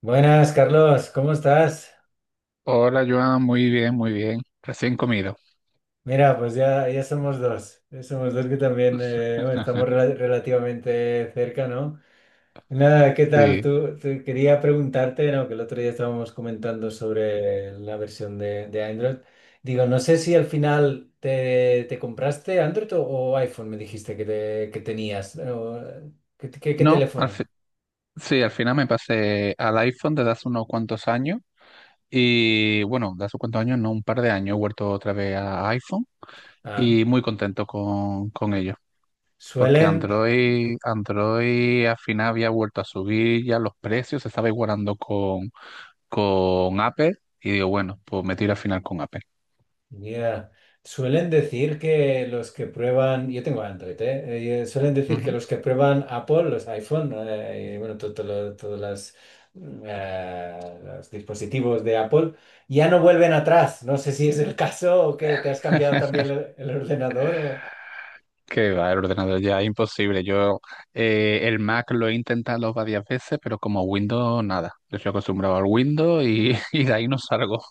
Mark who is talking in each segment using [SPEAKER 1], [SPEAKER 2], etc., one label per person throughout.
[SPEAKER 1] Buenas, Carlos, ¿cómo estás?
[SPEAKER 2] Hola, Joan, muy bien, muy bien. Recién comido.
[SPEAKER 1] Mira, pues ya, ya somos dos que también bueno, estamos relativamente cerca, ¿no? Nada, ¿qué tal?
[SPEAKER 2] Sí.
[SPEAKER 1] Quería preguntarte, ¿no? Que el otro día estábamos comentando sobre la versión de Android. Digo, no sé si al final te compraste Android o iPhone. Me dijiste que tenías. ¿Qué
[SPEAKER 2] No, al
[SPEAKER 1] teléfono?
[SPEAKER 2] fi- Sí, al final me pasé al iPhone desde hace unos cuantos años. Y bueno, de hace cuantos años, no, un par de años, he vuelto otra vez a iPhone
[SPEAKER 1] Ah.
[SPEAKER 2] y muy contento con ello. Porque
[SPEAKER 1] Suelen,
[SPEAKER 2] Android, Android al final había vuelto a subir ya los precios, se estaba igualando con Apple. Y digo, bueno, pues me tiro al final con Apple.
[SPEAKER 1] Ya, suelen decir que los que prueban, yo tengo Android, ¿eh? Suelen decir que
[SPEAKER 2] Ujú.
[SPEAKER 1] los que prueban Apple, los iPhone, y bueno, todos las, los dispositivos de Apple, ya no vuelven atrás. No sé si es el caso o que te has cambiado también el ordenador o...
[SPEAKER 2] Que va, el ordenador ya es imposible. Yo el Mac lo he intentado varias veces, pero como Windows nada. Yo estoy acostumbrado al Windows y, y de ahí no salgo.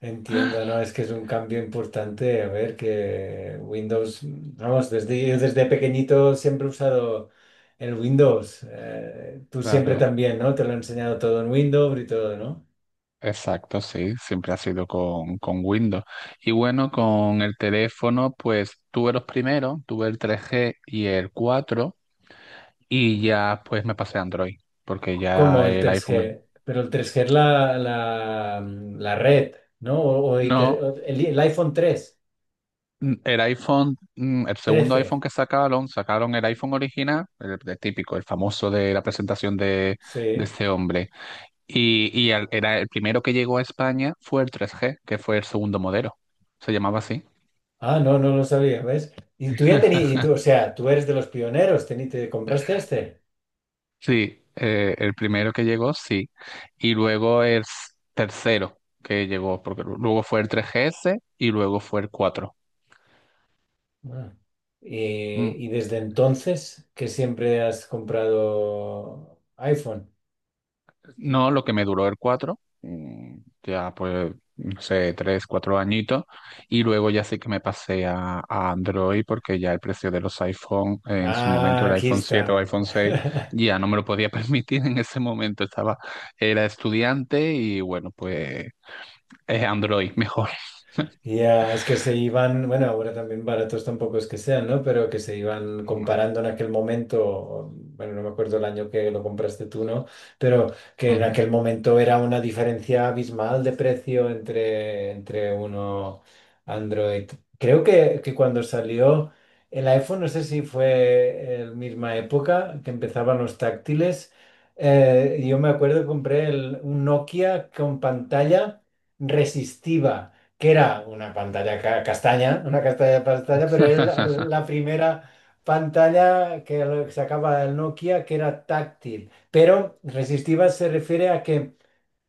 [SPEAKER 1] Entiendo, ¿no? Es que es un cambio importante. A ver, que Windows, vamos, desde, yo desde pequeñito siempre he usado el Windows. Tú siempre
[SPEAKER 2] Claro,
[SPEAKER 1] también, ¿no? Te lo he enseñado todo en Windows y todo, ¿no?
[SPEAKER 2] exacto, sí, siempre ha sido con Windows. Y bueno, con el teléfono, pues tuve los primeros, tuve el 3G y el 4, y ya pues me pasé a Android, porque
[SPEAKER 1] Como
[SPEAKER 2] ya
[SPEAKER 1] el
[SPEAKER 2] el
[SPEAKER 1] tres
[SPEAKER 2] iPhone...
[SPEAKER 1] g pero el 3G es la red, ¿no? O, o iter-
[SPEAKER 2] No.
[SPEAKER 1] o el iPhone 3,
[SPEAKER 2] El iPhone, el segundo iPhone
[SPEAKER 1] 13,
[SPEAKER 2] que sacaron, sacaron el iPhone original, el típico, el famoso de la presentación de
[SPEAKER 1] sí.
[SPEAKER 2] este hombre. Era el primero que llegó a España, fue el 3G, que fue el segundo modelo. Se llamaba así.
[SPEAKER 1] Ah, no, no lo sabía, ¿ves? Y tú ya tenías. Y tú, o sea, tú eres de los pioneros, te compraste este.
[SPEAKER 2] Sí, el primero que llegó, sí. Y luego el tercero que llegó, porque luego fue el 3GS y luego fue el cuatro.
[SPEAKER 1] Ah.
[SPEAKER 2] Mm.
[SPEAKER 1] Y desde entonces que siempre has comprado iPhone.
[SPEAKER 2] No, lo que me duró el cuatro, ya pues, no sé, 3 4 añitos, y luego ya sí que me pasé a Android, porque ya el precio de los iPhone, en su
[SPEAKER 1] Ah,
[SPEAKER 2] momento el
[SPEAKER 1] aquí
[SPEAKER 2] iPhone 7 o
[SPEAKER 1] está.
[SPEAKER 2] iPhone 6 ya no me lo podía permitir en ese momento, estaba, era estudiante y bueno, pues es Android mejor.
[SPEAKER 1] Ya, es que se iban, bueno, ahora también baratos tampoco es que sean, ¿no? Pero que se iban
[SPEAKER 2] No.
[SPEAKER 1] comparando en aquel momento. Bueno, no me acuerdo el año que lo compraste tú, ¿no? Pero que en
[SPEAKER 2] Ujú.
[SPEAKER 1] aquel momento era una diferencia abismal de precio entre, uno Android. Creo que cuando salió el iPhone, no sé si fue en la misma época que empezaban los táctiles. Yo me acuerdo que compré un Nokia con pantalla resistiva, que era una pantalla castaña, una castaña pantalla, pero era la, la primera pantalla que que sacaba el Nokia que era táctil. Pero resistiva se refiere a que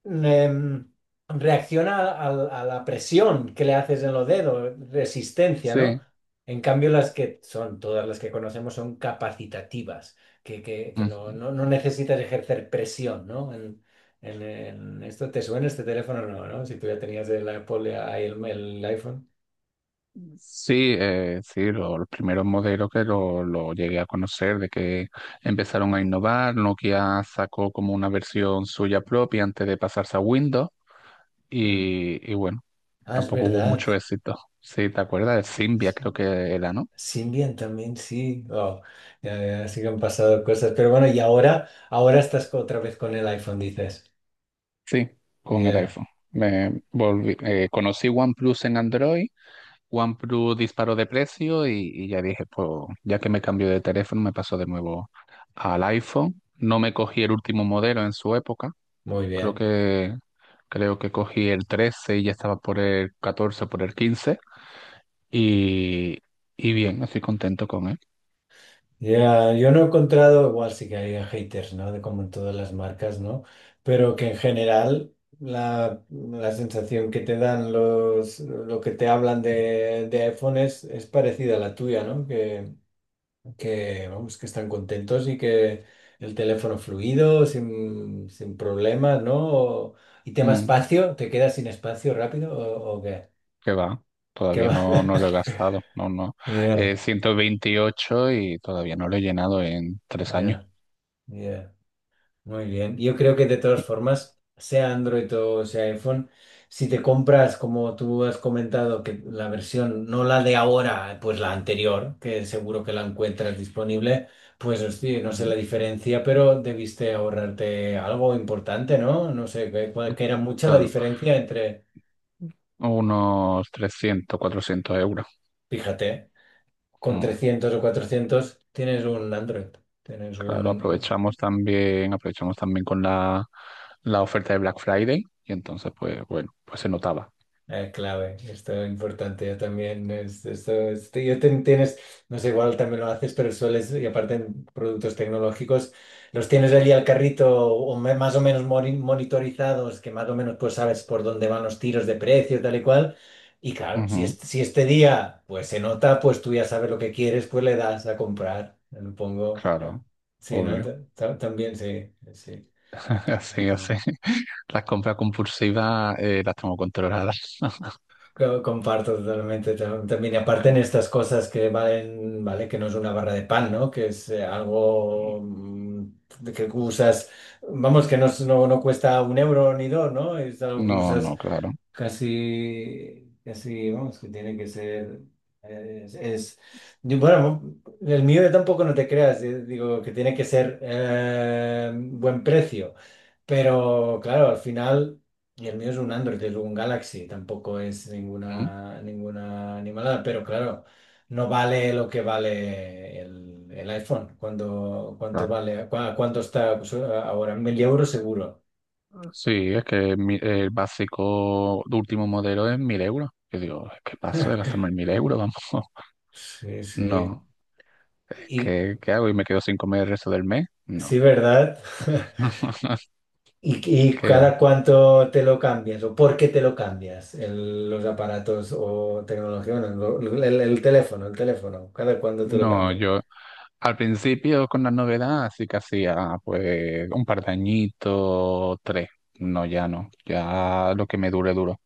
[SPEAKER 1] em, reacciona a la presión que le haces en los dedos, resistencia, ¿no?
[SPEAKER 2] Sí.
[SPEAKER 1] En cambio, las que son, todas las que conocemos son capacitativas, que
[SPEAKER 2] Ujú.
[SPEAKER 1] no necesitas ejercer presión, ¿no? Esto te suena este teléfono, no, ¿no? Si tú ya tenías el Apple, ahí el iPhone.
[SPEAKER 2] Sí, sí, lo, los primeros modelos que lo llegué a conocer, de que empezaron a innovar, Nokia sacó como una versión suya propia antes de pasarse a Windows
[SPEAKER 1] Mm.
[SPEAKER 2] y bueno,
[SPEAKER 1] Ah, es
[SPEAKER 2] tampoco hubo
[SPEAKER 1] verdad.
[SPEAKER 2] mucho éxito. Sí, ¿te acuerdas? El Symbian creo que era, ¿no?
[SPEAKER 1] Symbian también, sí. Oh, ya, ya, sí que han pasado cosas. Pero bueno, y ahora estás otra vez con el iPhone, dices.
[SPEAKER 2] Sí, con el
[SPEAKER 1] Ya.
[SPEAKER 2] iPhone. Me volví, conocí OnePlus en Android. OnePlus disparó de precio y ya dije, pues ya que me cambió de teléfono, me pasó de nuevo al iPhone. No me cogí el último modelo en su época.
[SPEAKER 1] Muy
[SPEAKER 2] Creo
[SPEAKER 1] bien.
[SPEAKER 2] que, creo que cogí el 13 y ya estaba por el 14, por el 15, y, y bien, estoy contento con él.
[SPEAKER 1] Ya, yo no he encontrado, igual sí que hay haters, ¿no? De como en todas las marcas, ¿no? Pero que en general la sensación que te dan los, lo que te hablan de iPhone es parecida a la tuya, ¿no? Que, vamos, que están contentos y que el teléfono fluido, sin problemas, ¿no? Y tema
[SPEAKER 2] Mm,
[SPEAKER 1] espacio. ¿Te quedas sin espacio rápido o qué?
[SPEAKER 2] que va,
[SPEAKER 1] ¿Qué
[SPEAKER 2] todavía
[SPEAKER 1] va?
[SPEAKER 2] no, no lo he gastado, no, no.
[SPEAKER 1] Yeah,
[SPEAKER 2] 128 y todavía no lo he llenado en 3 años.
[SPEAKER 1] yeah, yeah. Muy bien. Yo creo que de todas formas, sea Android o sea iPhone, si te compras, como tú has comentado, que la versión, no la de ahora, pues la anterior, que seguro que la encuentras disponible, pues hostia, no sé
[SPEAKER 2] Ujú.
[SPEAKER 1] la diferencia, pero debiste ahorrarte algo importante, ¿no? No sé, que, que era mucha la
[SPEAKER 2] Claro,
[SPEAKER 1] diferencia entre,
[SPEAKER 2] unos 300 400 euros.
[SPEAKER 1] fíjate, con
[SPEAKER 2] Mm,
[SPEAKER 1] 300 o 400 tienes un Android, tienes
[SPEAKER 2] Claro,
[SPEAKER 1] un,
[SPEAKER 2] aprovechamos también con la oferta de Black Friday y entonces pues bueno, pues se notaba.
[SPEAKER 1] Ah, clave, esto es importante, yo también, esto, tienes, no sé, igual también lo haces, pero sueles, y aparte en productos tecnológicos, los tienes allí al carrito, o más o menos monitorizados, que más o menos pues sabes por dónde van los tiros de precio, tal y cual. Y claro, si,
[SPEAKER 2] Ujú.
[SPEAKER 1] si este día pues se nota, pues tú ya sabes lo que quieres, pues le das a comprar, le pongo,
[SPEAKER 2] Claro,
[SPEAKER 1] sí, ¿no?
[SPEAKER 2] obvio.
[SPEAKER 1] También, sí, sí.
[SPEAKER 2] Así, así. Las compras compulsivas, las tengo controladas.
[SPEAKER 1] Comparto totalmente también. Y aparte en estas cosas que valen, vale, que no es una barra de pan, ¿no? Que es algo, de que usas, vamos, que no, no, no cuesta un euro ni dos, ¿no? Es algo que
[SPEAKER 2] No,
[SPEAKER 1] usas.
[SPEAKER 2] no, claro.
[SPEAKER 1] Casi, casi, vamos, que tiene que ser, es, es- bueno, el mío tampoco no te creas, digo que tiene que ser buen precio, pero claro, al final, y el mío es un Android, es un Galaxy, tampoco es
[SPEAKER 2] Mm.
[SPEAKER 1] ninguna animalada, pero claro, no vale lo que vale el iPhone. Cuánto
[SPEAKER 2] Claro.
[SPEAKER 1] vale, cuánto está pues, ahora, 1000 euros seguro.
[SPEAKER 2] Sí, es que el básico de último modelo es 1.000 euros. Yo digo, ¿qué paso de gastarme 1.000 euros? Vamos.
[SPEAKER 1] Sí, sí.
[SPEAKER 2] No. ¿Qué, qué hago? ¿Y me quedo sin comer el resto del mes?
[SPEAKER 1] Sí,
[SPEAKER 2] No.
[SPEAKER 1] ¿verdad? ¿Y, y
[SPEAKER 2] ¿Qué
[SPEAKER 1] cada
[SPEAKER 2] va?
[SPEAKER 1] cuánto te lo cambias, o por qué te lo cambias los aparatos o tecnología? Bueno, el teléfono, el teléfono, cada cuánto te lo
[SPEAKER 2] No,
[SPEAKER 1] cambias.
[SPEAKER 2] yo al principio, con la novedad, sí que hacía pues un par de añitos, tres. No, ya no, ya lo que me dure, duro.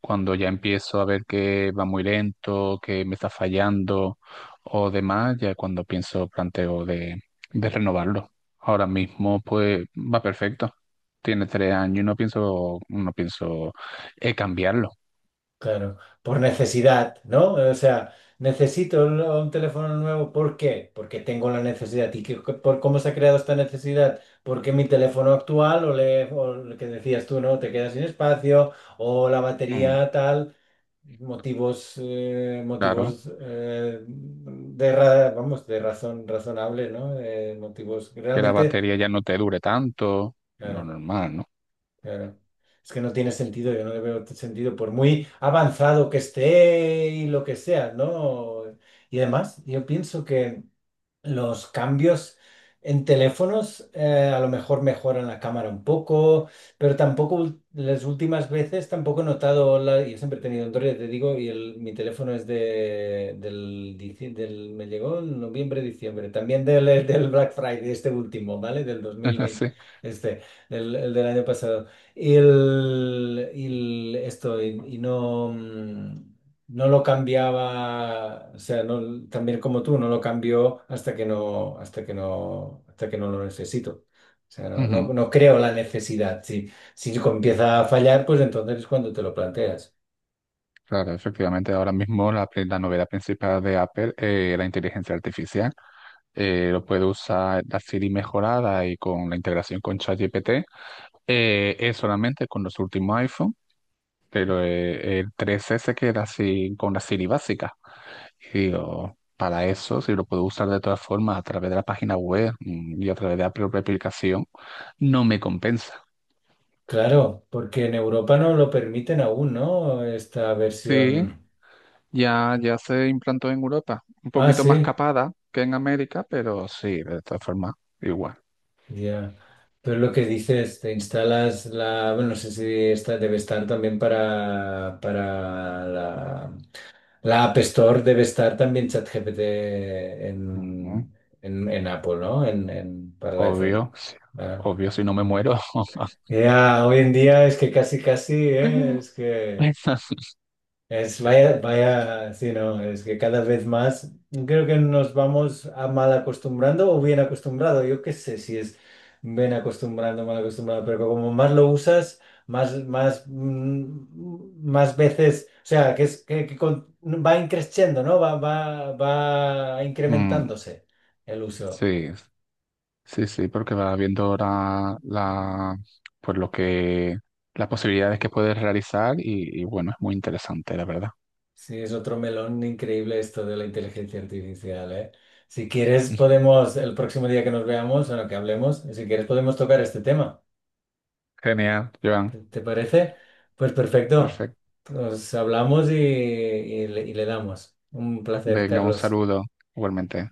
[SPEAKER 2] Cuando ya empiezo a ver que va muy lento, que me está fallando o demás, ya cuando pienso, planteo de renovarlo. Ahora mismo pues va perfecto. Tiene 3 años y no pienso, no pienso cambiarlo.
[SPEAKER 1] Claro, por necesidad, ¿no? O sea, necesito un teléfono nuevo, ¿por qué? Porque tengo la necesidad. ¿Y por cómo se ha creado esta necesidad? Porque mi teléfono actual, o lo que decías tú, ¿no? Te queda sin espacio, o la
[SPEAKER 2] Mm,
[SPEAKER 1] batería tal. Motivos,
[SPEAKER 2] claro,
[SPEAKER 1] motivos, vamos, de razón razonable, ¿no? Motivos que
[SPEAKER 2] que la
[SPEAKER 1] realmente,
[SPEAKER 2] batería ya no te dure tanto, lo
[SPEAKER 1] claro,
[SPEAKER 2] normal, ¿no?
[SPEAKER 1] claro. Es que no tiene sentido, yo no le veo sentido, por muy avanzado que esté y lo que sea, ¿no? Y además, yo pienso que los cambios en teléfonos, a lo mejor mejoran la cámara un poco, pero tampoco las últimas veces tampoco he notado la, yo siempre he tenido Android, ya te digo, mi teléfono es de del, del, me llegó en noviembre, diciembre, también del, del Black Friday, este último, ¿vale? Del 2020,
[SPEAKER 2] Sí.
[SPEAKER 1] este, el del año pasado. Y no. No lo cambiaba, o sea, no, también como tú, no lo cambio hasta que no, hasta que no lo necesito. O sea, no, no,
[SPEAKER 2] Ujú.
[SPEAKER 1] no creo la necesidad. Si empieza a fallar, pues entonces es cuando te lo planteas.
[SPEAKER 2] Claro, efectivamente, ahora mismo la novedad principal de Apple es la inteligencia artificial. Lo puede usar la Siri mejorada y con la integración con ChatGPT. Es solamente con los últimos iPhone, pero el 3S se queda así con la Siri básica. Y digo, para eso, si lo puedo usar de todas formas a través de la página web, y a través de la propia aplicación, no me compensa.
[SPEAKER 1] Claro, porque en Europa no lo permiten aún, ¿no? Esta
[SPEAKER 2] Sí,
[SPEAKER 1] versión.
[SPEAKER 2] ya, ya se implantó en Europa, un
[SPEAKER 1] Ah,
[SPEAKER 2] poquito más
[SPEAKER 1] sí,
[SPEAKER 2] capada que en América, pero sí, de todas formas, igual.
[SPEAKER 1] ya. Pero lo que dices, te instalas la, bueno, no sé si esta debe estar también para, para la App Store. Debe estar también ChatGPT
[SPEAKER 2] Ujú.
[SPEAKER 1] en, en Apple, ¿no? Para el iPhone.
[SPEAKER 2] Obvio, sí.
[SPEAKER 1] Ah.
[SPEAKER 2] Obvio, si no me muero.
[SPEAKER 1] Ya, hoy en día es que casi, casi, es que... Es, vaya, vaya, sí, no, es que cada vez más creo que nos vamos a mal acostumbrando o bien acostumbrado. Yo qué sé si es bien acostumbrando, mal acostumbrado, pero como más lo usas, más veces, o sea, que es que, va increciendo, ¿no? Va
[SPEAKER 2] Mm,
[SPEAKER 1] incrementándose el uso.
[SPEAKER 2] sí, sí, sí, porque va viendo ahora la, pues lo que, las posibilidades que puedes realizar y bueno, es muy interesante, la verdad.
[SPEAKER 1] Sí, es otro melón increíble esto de la inteligencia artificial, ¿eh? Si quieres, podemos, el próximo día que nos veamos, bueno, que hablemos, si quieres, podemos tocar este tema.
[SPEAKER 2] Genial, Joan,
[SPEAKER 1] ¿Te parece? Pues perfecto.
[SPEAKER 2] perfecto.
[SPEAKER 1] Nos hablamos y le damos. Un placer,
[SPEAKER 2] Venga, un
[SPEAKER 1] Carlos.
[SPEAKER 2] saludo, igualmente.